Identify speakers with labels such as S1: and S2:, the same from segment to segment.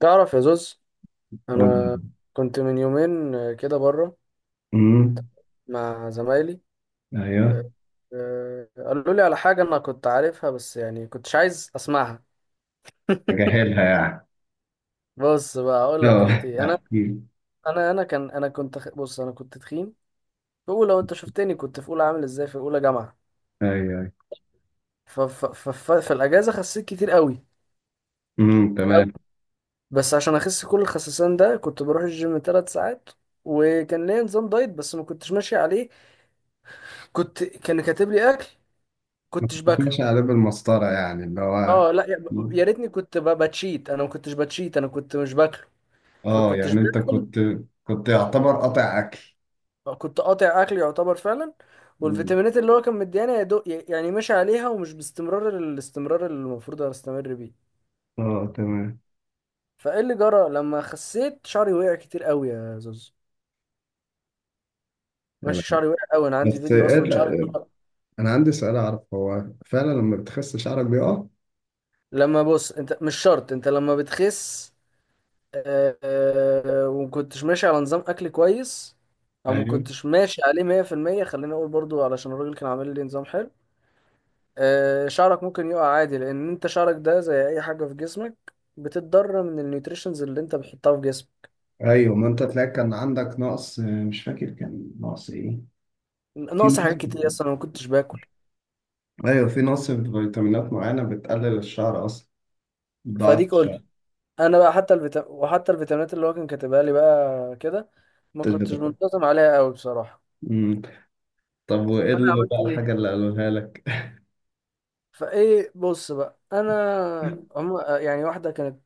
S1: تعرف يا زوز، انا
S2: امم.
S1: كنت من يومين، كده بره مع زمايلي. آه،
S2: ايوه،
S1: قالوا لي على حاجه انا كنت عارفها بس يعني كنتش عايز اسمعها.
S2: جاهلها يعني.
S1: بص بقى اقول لك
S2: اه،
S1: كانت ايه. انا
S2: احكي.
S1: انا انا كان انا كنت خ- بص انا كنت تخين في اولى. وانت شفتني كنت في اولى عامل ازاي، في اولى جامعه.
S2: ايوه، ايوه.
S1: ف ف ف ف في الاجازه خسيت كتير قوي
S2: امم،
S1: أوي.
S2: تمام.
S1: بس عشان اخس كل الخسسان ده، كنت بروح الجيم 3 ساعات، وكان ليا نظام دايت بس ما كنتش ماشي عليه. كان كاتب لي اكل،
S2: ما
S1: كنتش
S2: كنتش
S1: باكله.
S2: على باب المسطره، يعني اللي هو.
S1: اه، لا، يا ريتني كنت بتشيت. انا ما كنتش بتشيت، انا كنت مش باكله.
S2: اه،
S1: فكنتش
S2: يعني انت
S1: باكل.
S2: كنت يعتبر قاطع اكل.
S1: كنت قاطع اكل يعتبر فعلا.
S2: مم.
S1: والفيتامينات اللي هو كان مديانا يا دوب يعني ماشي عليها، ومش باستمرار، الاستمرار اللي المفروض استمر بيه.
S2: اه تمام.
S1: فايه اللي جرى؟ لما خسيت، شعري وقع كتير قوي يا زوز.
S2: يا
S1: ماشي،
S2: لهوي.
S1: شعري وقع قوي، انا عندي
S2: بس
S1: فيديو
S2: إيه
S1: اصلا شعري طلع-.
S2: انا عندي سؤال، اعرف هو فعلا لما بتخس شعرك بيقع؟
S1: لما بص، انت مش شرط انت لما بتخس، ومكنتش ماشي على نظام اكل كويس، او
S2: ايوه،
S1: مكنتش ماشي عليه 100%. خليني اقول برضو علشان الراجل كان عامل لي نظام حلو. شعرك ممكن يقع عادي، لان انت شعرك ده زي اي حاجه في جسمك بتتضرر من النيوتريشنز اللي انت بتحطها في جسمك.
S2: ايوه. ما انت تلاقي كان عندك نقص، مش فاكر كان نقص ايه. في
S1: ناقص حاجات
S2: نقص.
S1: كتير اصلا، أنا ما كنتش باكل.
S2: ايوه، في نقص في فيتامينات معينه بتقلل الشعر اصلا. ضاعت
S1: فديك
S2: شوية،
S1: قلت، انا بقى، وحتى الفيتامينات اللي هو كان كاتبها لي بقى كده ما
S2: مش
S1: كنتش
S2: بتاخد.
S1: منتظم عليها قوي بصراحه.
S2: مم. طب وايه
S1: فانا
S2: اللي
S1: عملت
S2: بقى
S1: ايه؟
S2: الحاجة اللي قالوها لك؟
S1: فايه، بص بقى، انا هم يعني واحده كانت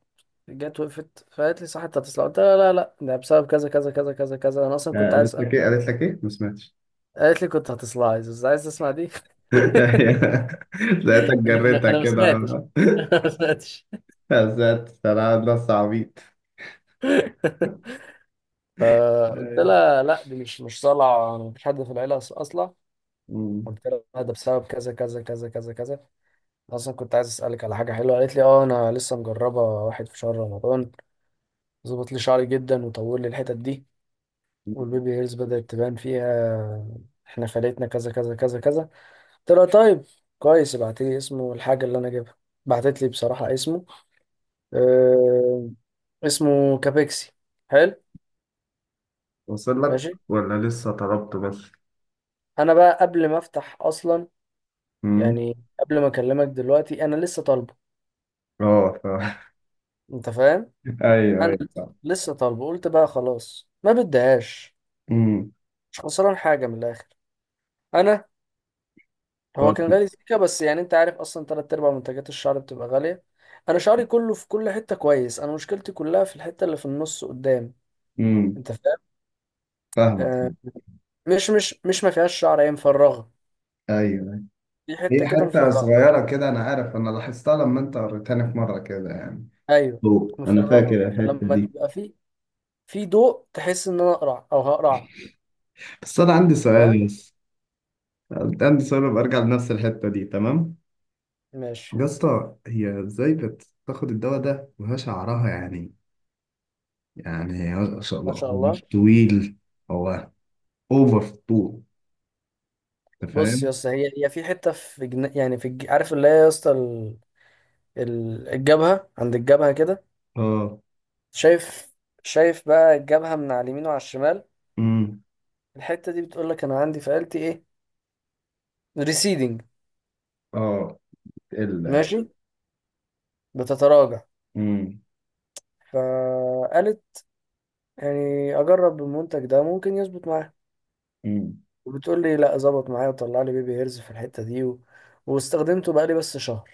S1: جت وقفت فقالت لي، صح انت هتصلع؟ قلت لها لا لا، ده بسبب كذا كذا كذا كذا كذا، انا اصلا
S2: آه،
S1: كنت عايز
S2: قالت لك
S1: أسأل.
S2: ايه؟ قالت لك ايه؟ ما سمعتش.
S1: قالت لي كنت هتصلع، عايز تسمع دي.
S2: لقيتك
S1: قال لك انا
S2: جريتها
S1: انا ما
S2: كده.
S1: سمعتش انا ما سمعتش.
S2: ذات انا نص عبيط.
S1: فقلت
S2: أيوة.
S1: لها لا، دي مش صلع، انا مفيش حد في العيله اصلا.
S2: مم.
S1: قلت لها لا، ده بسبب كذا كذا كذا كذا كذا. أنا اصلا كنت عايز اسالك على حاجه حلوه. قالت لي اه، انا لسه مجربه واحد في شهر رمضان، ظبط لي شعري جدا، وطول لي الحتت دي، والبيبي هيرز بدات تبان فيها، احنا فلتنا كذا كذا كذا كذا. طلع، طيب كويس، ابعت لي اسمه الحاجة اللي انا جايبها. بعتت لي بصراحة اسمه، آه اسمه كابيكسي. حلو،
S2: وصل لك
S1: ماشي.
S2: ولا لسه طلبته بس؟
S1: انا بقى قبل ما افتح اصلا،
S2: مم.
S1: يعني قبل ما اكلمك دلوقتي، انا لسه طالبه.
S2: اه
S1: انت فاهم،
S2: ايوه،
S1: انا
S2: ايوه، فاهم.
S1: لسه طالبه، قلت بقى خلاص ما بديهاش.
S2: مم.
S1: مش خسران حاجة من الاخر. انا، هو كان
S2: فاهم.
S1: غالي سيكا، بس يعني انت عارف اصلا تلات ارباع منتجات الشعر بتبقى غالية. انا شعري كله في كل حتة كويس، انا مشكلتي كلها في الحتة اللي في النص قدام.
S2: مم.
S1: انت فاهم،
S2: فاهمك.
S1: آه، مش مش مش ما فيهاش شعر، هي مفرغه.
S2: ايوه، أيوه.
S1: في حته
S2: هي
S1: كده
S2: حتة
S1: مفرغه.
S2: صغيرة كده، انا عارف، انا لاحظتها لما انت وريتني في مرة كده يعني.
S1: ايوه،
S2: فوق، انا
S1: مفرغه،
S2: فاكر الحته
S1: فلما
S2: دي.
S1: تبقى في ضوء، تحس ان انا اقرع او هقرع.
S2: بس انا عندي
S1: فاهم،
S2: سؤال. بس عندي سؤال، ببقى ارجع لنفس الحته دي. تمام
S1: ماشي،
S2: يا اسطى، هي ازاي بتاخد الدواء ده وهي شعرها يعني، يعني ما شاء
S1: ما
S2: الله
S1: شاء
S2: هو
S1: الله.
S2: مش طويل. هو اوفر في الطول، انت
S1: بص يا
S2: فاهم.
S1: اسطى، هي هي في حته في جن... يعني في الج... عارف اللي هي يا اسطى، الجبهه، عند الجبهه كده.
S2: اه.
S1: شايف، شايف بقى الجبهه من على اليمين وعلى الشمال.
S2: امم.
S1: الحته دي بتقول لك انا عندي في آلتي ايه، ريسيدنج،
S2: اه. ال.
S1: ماشي، بتتراجع.
S2: امم.
S1: فقالت، يعني اجرب المنتج ده ممكن يظبط معايا.
S2: امم.
S1: وبتقول لي، لا ظبط معايا، وطلع لي بيبي هيرز في الحتة دي و... واستخدمته بقى لي بس شهر،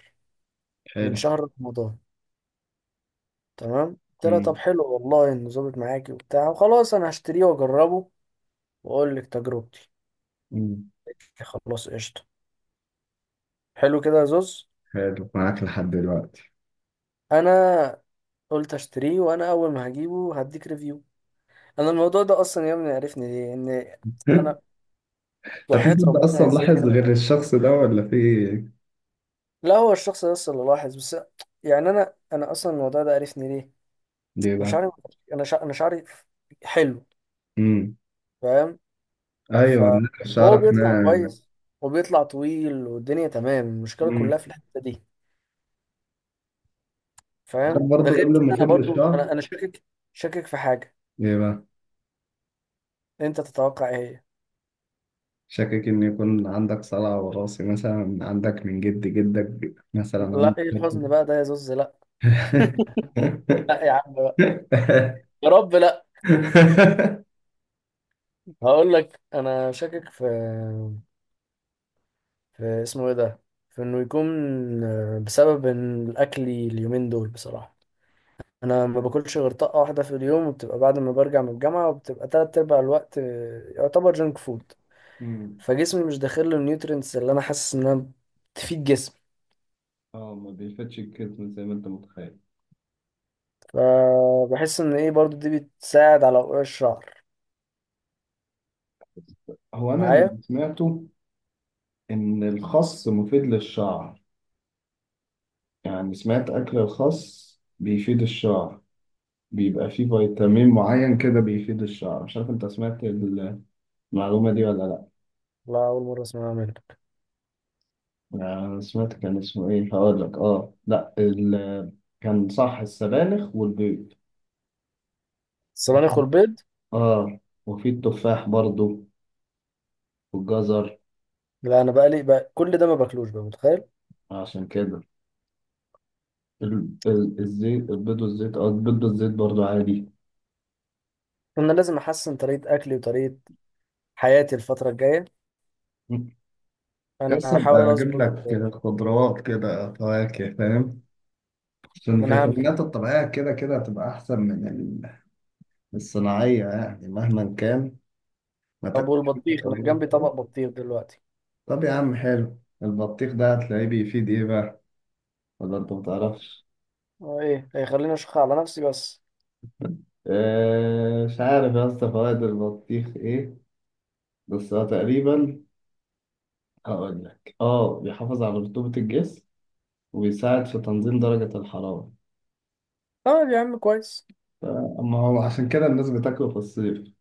S1: من
S2: حلو.
S1: شهر رمضان. تمام، قلت لها طب
S2: امم.
S1: حلو والله انه ظابط معاكي وبتاع، وخلاص انا هشتريه واجربه، واقول لك تجربتي.
S2: امم.
S1: خلاص قشطة، حلو كده يا زوز.
S2: حلو، معاك لحد دلوقتي؟
S1: انا قلت اشتريه، وانا اول ما هجيبه هديك ريفيو. انا الموضوع ده اصلا يا ابني عرفني ليه، ان انا،
S2: طب في
S1: وحياة
S2: حد
S1: ربنا يا
S2: اصلا
S1: زياد،
S2: لاحظ
S1: انا،
S2: غير الشخص ده ولا في؟
S1: لا هو الشخص ده اللي لاحظ بس. يعني انا اصلا الموضوع ده عرفني ليه.
S2: ليه
S1: انا
S2: بقى؟
S1: شعري، انا شعري حلو.
S2: امم.
S1: فاهم،
S2: ايوه،
S1: فهو
S2: شعرك
S1: بيطلع
S2: ناعم.
S1: كويس، وبيطلع طويل، والدنيا تمام، المشكله
S2: مم.
S1: كلها في الحته دي.
S2: عارف
S1: فاهم؟ وده
S2: برضو ايه
S1: غير
S2: اللي
S1: كده، انا
S2: مفيد
S1: برضو
S2: للشعر؟
S1: انا انا شاكك، شاكك في حاجه.
S2: ايه بقى؟
S1: انت تتوقع ايه؟
S2: شاكك ان يكون عندك صلع وراثي، مثلا عندك من جد جدك،
S1: هي
S2: مثلا عندك.
S1: لا، ايه الحزن بقى ده يا زوز؟ لا، لا يا عم بقى، يا رب لا. هقول لك انا شاكك في، في اسمه ايه ده، في انه يكون بسبب ان الاكل اليومين دول بصراحه، انا ما باكلش غير طاقه واحده في اليوم، وبتبقى بعد ما برجع من الجامعه، وبتبقى تلات ارباع الوقت يعتبر جنك فود.
S2: مم.
S1: فجسمي مش داخل له النيوترينتس اللي انا حاسس انها تفيد جسمي.
S2: اه، ما بيفتش الكتم زي ما انت متخيل.
S1: فبحس ان ايه، برضو دي بتساعد على وقوع الشعر
S2: بس هو انا
S1: معايا.
S2: اللي سمعته ان الخس مفيد للشعر، يعني سمعت اكل الخس بيفيد الشعر، بيبقى فيه فيتامين معين كده بيفيد الشعر. مش عارف انت سمعت المعلومة دي ولا.
S1: لا، اول مره اسمعها منك.
S2: أنا سمعت كان اسمه إيه، هقول لك. آه لأ، كان صح، السبانخ والبيض.
S1: الصبانخ والبيض.
S2: آه. وفي التفاح برضو، والجزر.
S1: لا، انا بقلي بقى كل ده ما باكلوش بقى، متخيل.
S2: عشان كده ال... الزيت. البيض والزيت. البيض والزيت برضو عادي.
S1: انا لازم احسن طريقه اكلي وطريقه حياتي الفتره الجايه. انا
S2: بس
S1: هحاول
S2: ابقى اجيب
S1: اظبط.
S2: لك خضروات كده، فواكه، فاهم. عشان
S1: ما انا هعمل كده.
S2: الفيتامينات الطبيعيه كده كده هتبقى احسن من الصناعيه، يعني مهما كان ما
S1: طب
S2: تاكل.
S1: والبطيخ، انا جنبي طبق بطيخ دلوقتي.
S2: طب يا عم حلو، البطيخ ده هتلاقيه بيفيد ايه بقى، ولا انت متعرفش؟
S1: اه، ايه؟ هيخليني اشخ على نفسي بس.
S2: آه، مش عارف يا اسطى فوائد البطيخ ايه، بس هو تقريبا، هقول لك، بيحافظ على رطوبة الجسم وبيساعد في تنظيم درجة الحرارة.
S1: طيب يا عم كويس.
S2: ما هو عشان كده الناس بتاكله في الصيف،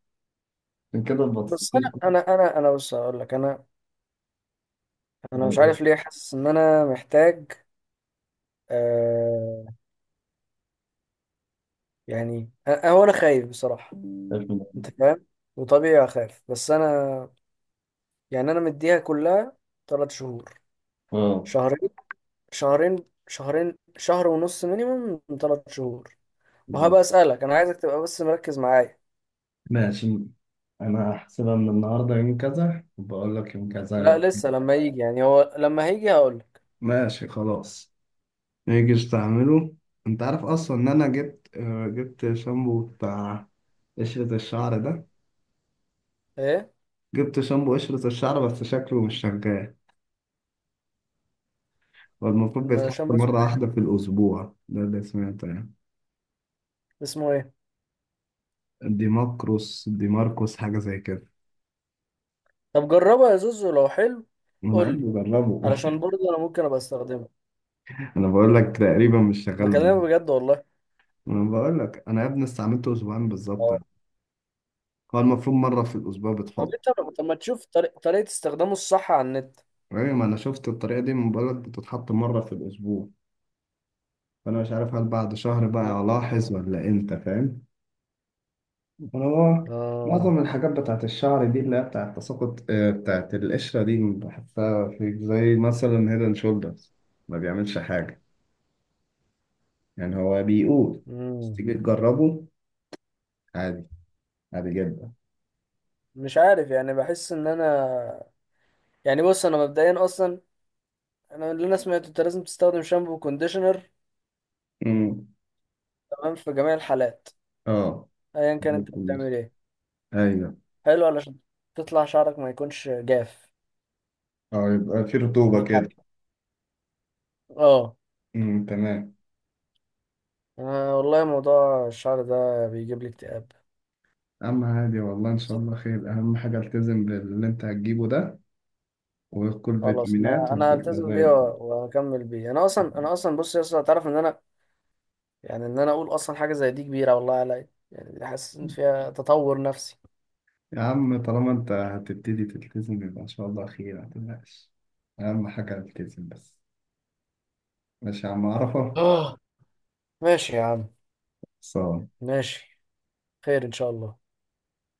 S2: عشان كده
S1: بس
S2: البطيخ.
S1: انا انا انا انا بص هقول لك، انا مش
S2: اه.
S1: عارف ليه، حاسس ان انا محتاج، آه يعني أ- أه، هو انا خايف بصراحه.
S2: خايف من.
S1: انت فاهم، وطبيعي اخاف، بس انا يعني انا مديها كلها 3 شهور،
S2: اه.
S1: شهرين، شهرين، شهرين، شهر ونص، مينيمم من 3 شهور.
S2: مم.
S1: وهبقى اسالك، انا عايزك تبقى بس مركز معايا.
S2: ماشي، انا هحسبها من النهارده يوم كذا، وبقول لك يوم
S1: لا
S2: كذا.
S1: لسه، لما يجي يعني، هو لما هيجي هقول لك.
S2: ماشي خلاص. نيجي استعمله. انت عارف اصلا ان انا جبت شامبو بتاع قشرة الشعر ده.
S1: ايه؟
S2: جبت شامبو قشرة الشعر، بس شكله مش شغال. والمفروض بيتحط
S1: عشان بس اسمه
S2: مرة
S1: ايه،
S2: واحدة في الأسبوع، ده اللي سمعته يعني.
S1: اسمه ايه.
S2: ديماكروس، ديماركوس، حاجة زي كده.
S1: طب جربها يا زوزو لو حلو،
S2: أنا يا
S1: قول لي،
S2: ابني جربه.
S1: علشان برضه انا ممكن ابقى استخدمه.
S2: أنا بقول لك تقريبا مش شغال
S1: بكلمك
S2: معايا.
S1: بجد والله.
S2: أنا بقول لك أنا يا ابني استعملته أسبوعين بالظبط يعني. هو المفروض مرة في الأسبوع
S1: طب
S2: بتحط.
S1: انت طب ما تشوف طريقة استخدامه الصح على النت.
S2: أيوة، ما أنا شفت الطريقة دي، من بقول لك بتتحط مرة في الأسبوع. فأنا مش عارف هل بعد شهر بقى ألاحظ
S1: اه.
S2: ولا إمتى، فاهم. هو
S1: اه.
S2: معظم الحاجات بتاعت الشعر دي اللي هي بتاعت تساقط، بتاعت القشرة دي، بحسها في زي مثلا هيدن شولدرز ما بيعملش حاجة. يعني هو بيقول، بس
S1: امم،
S2: تيجي تجربه عادي، عادي جدا.
S1: مش عارف يعني، بحس ان انا، يعني بص، انا مبدئيا اصلا، انا اللي انا سمعته، انت لازم تستخدم شامبو وكونديشنر
S2: امم.
S1: تمام في جميع الحالات،
S2: اه.
S1: ايا كان انت بتعمل ايه.
S2: ايوه.
S1: حلو، علشان تطلع شعرك ما يكونش جاف.
S2: اه، يبقى في
S1: دي
S2: رطوبة كده.
S1: حاجة. اه،
S2: تمام.
S1: انا والله موضوع الشعر ده بيجيب لي اكتئاب.
S2: اما عادي، والله ان شاء الله خير. اهم حاجة التزم باللي انت هتجيبه ده، وكل
S1: خلاص،
S2: فيتامينات،
S1: انا
S2: وهتبقى
S1: هلتزم
S2: زي
S1: بيه
S2: الفل.
S1: واكمل بيه. انا اصلا بص يا اسطى، تعرف ان انا، يعني ان انا اقول اصلا حاجه زي دي كبيره والله عليا، يعني دي حاسس ان فيها تطور نفسي.
S2: يا عم، طالما انت هتبتدي تلتزم، يبقى ان شاء الله خير، ما تقلقش. اهم حاجه التزم بس. ماشي يا عم، عرفه.
S1: اه، ماشي يا عم،
S2: صان
S1: ماشي، خير ان شاء الله.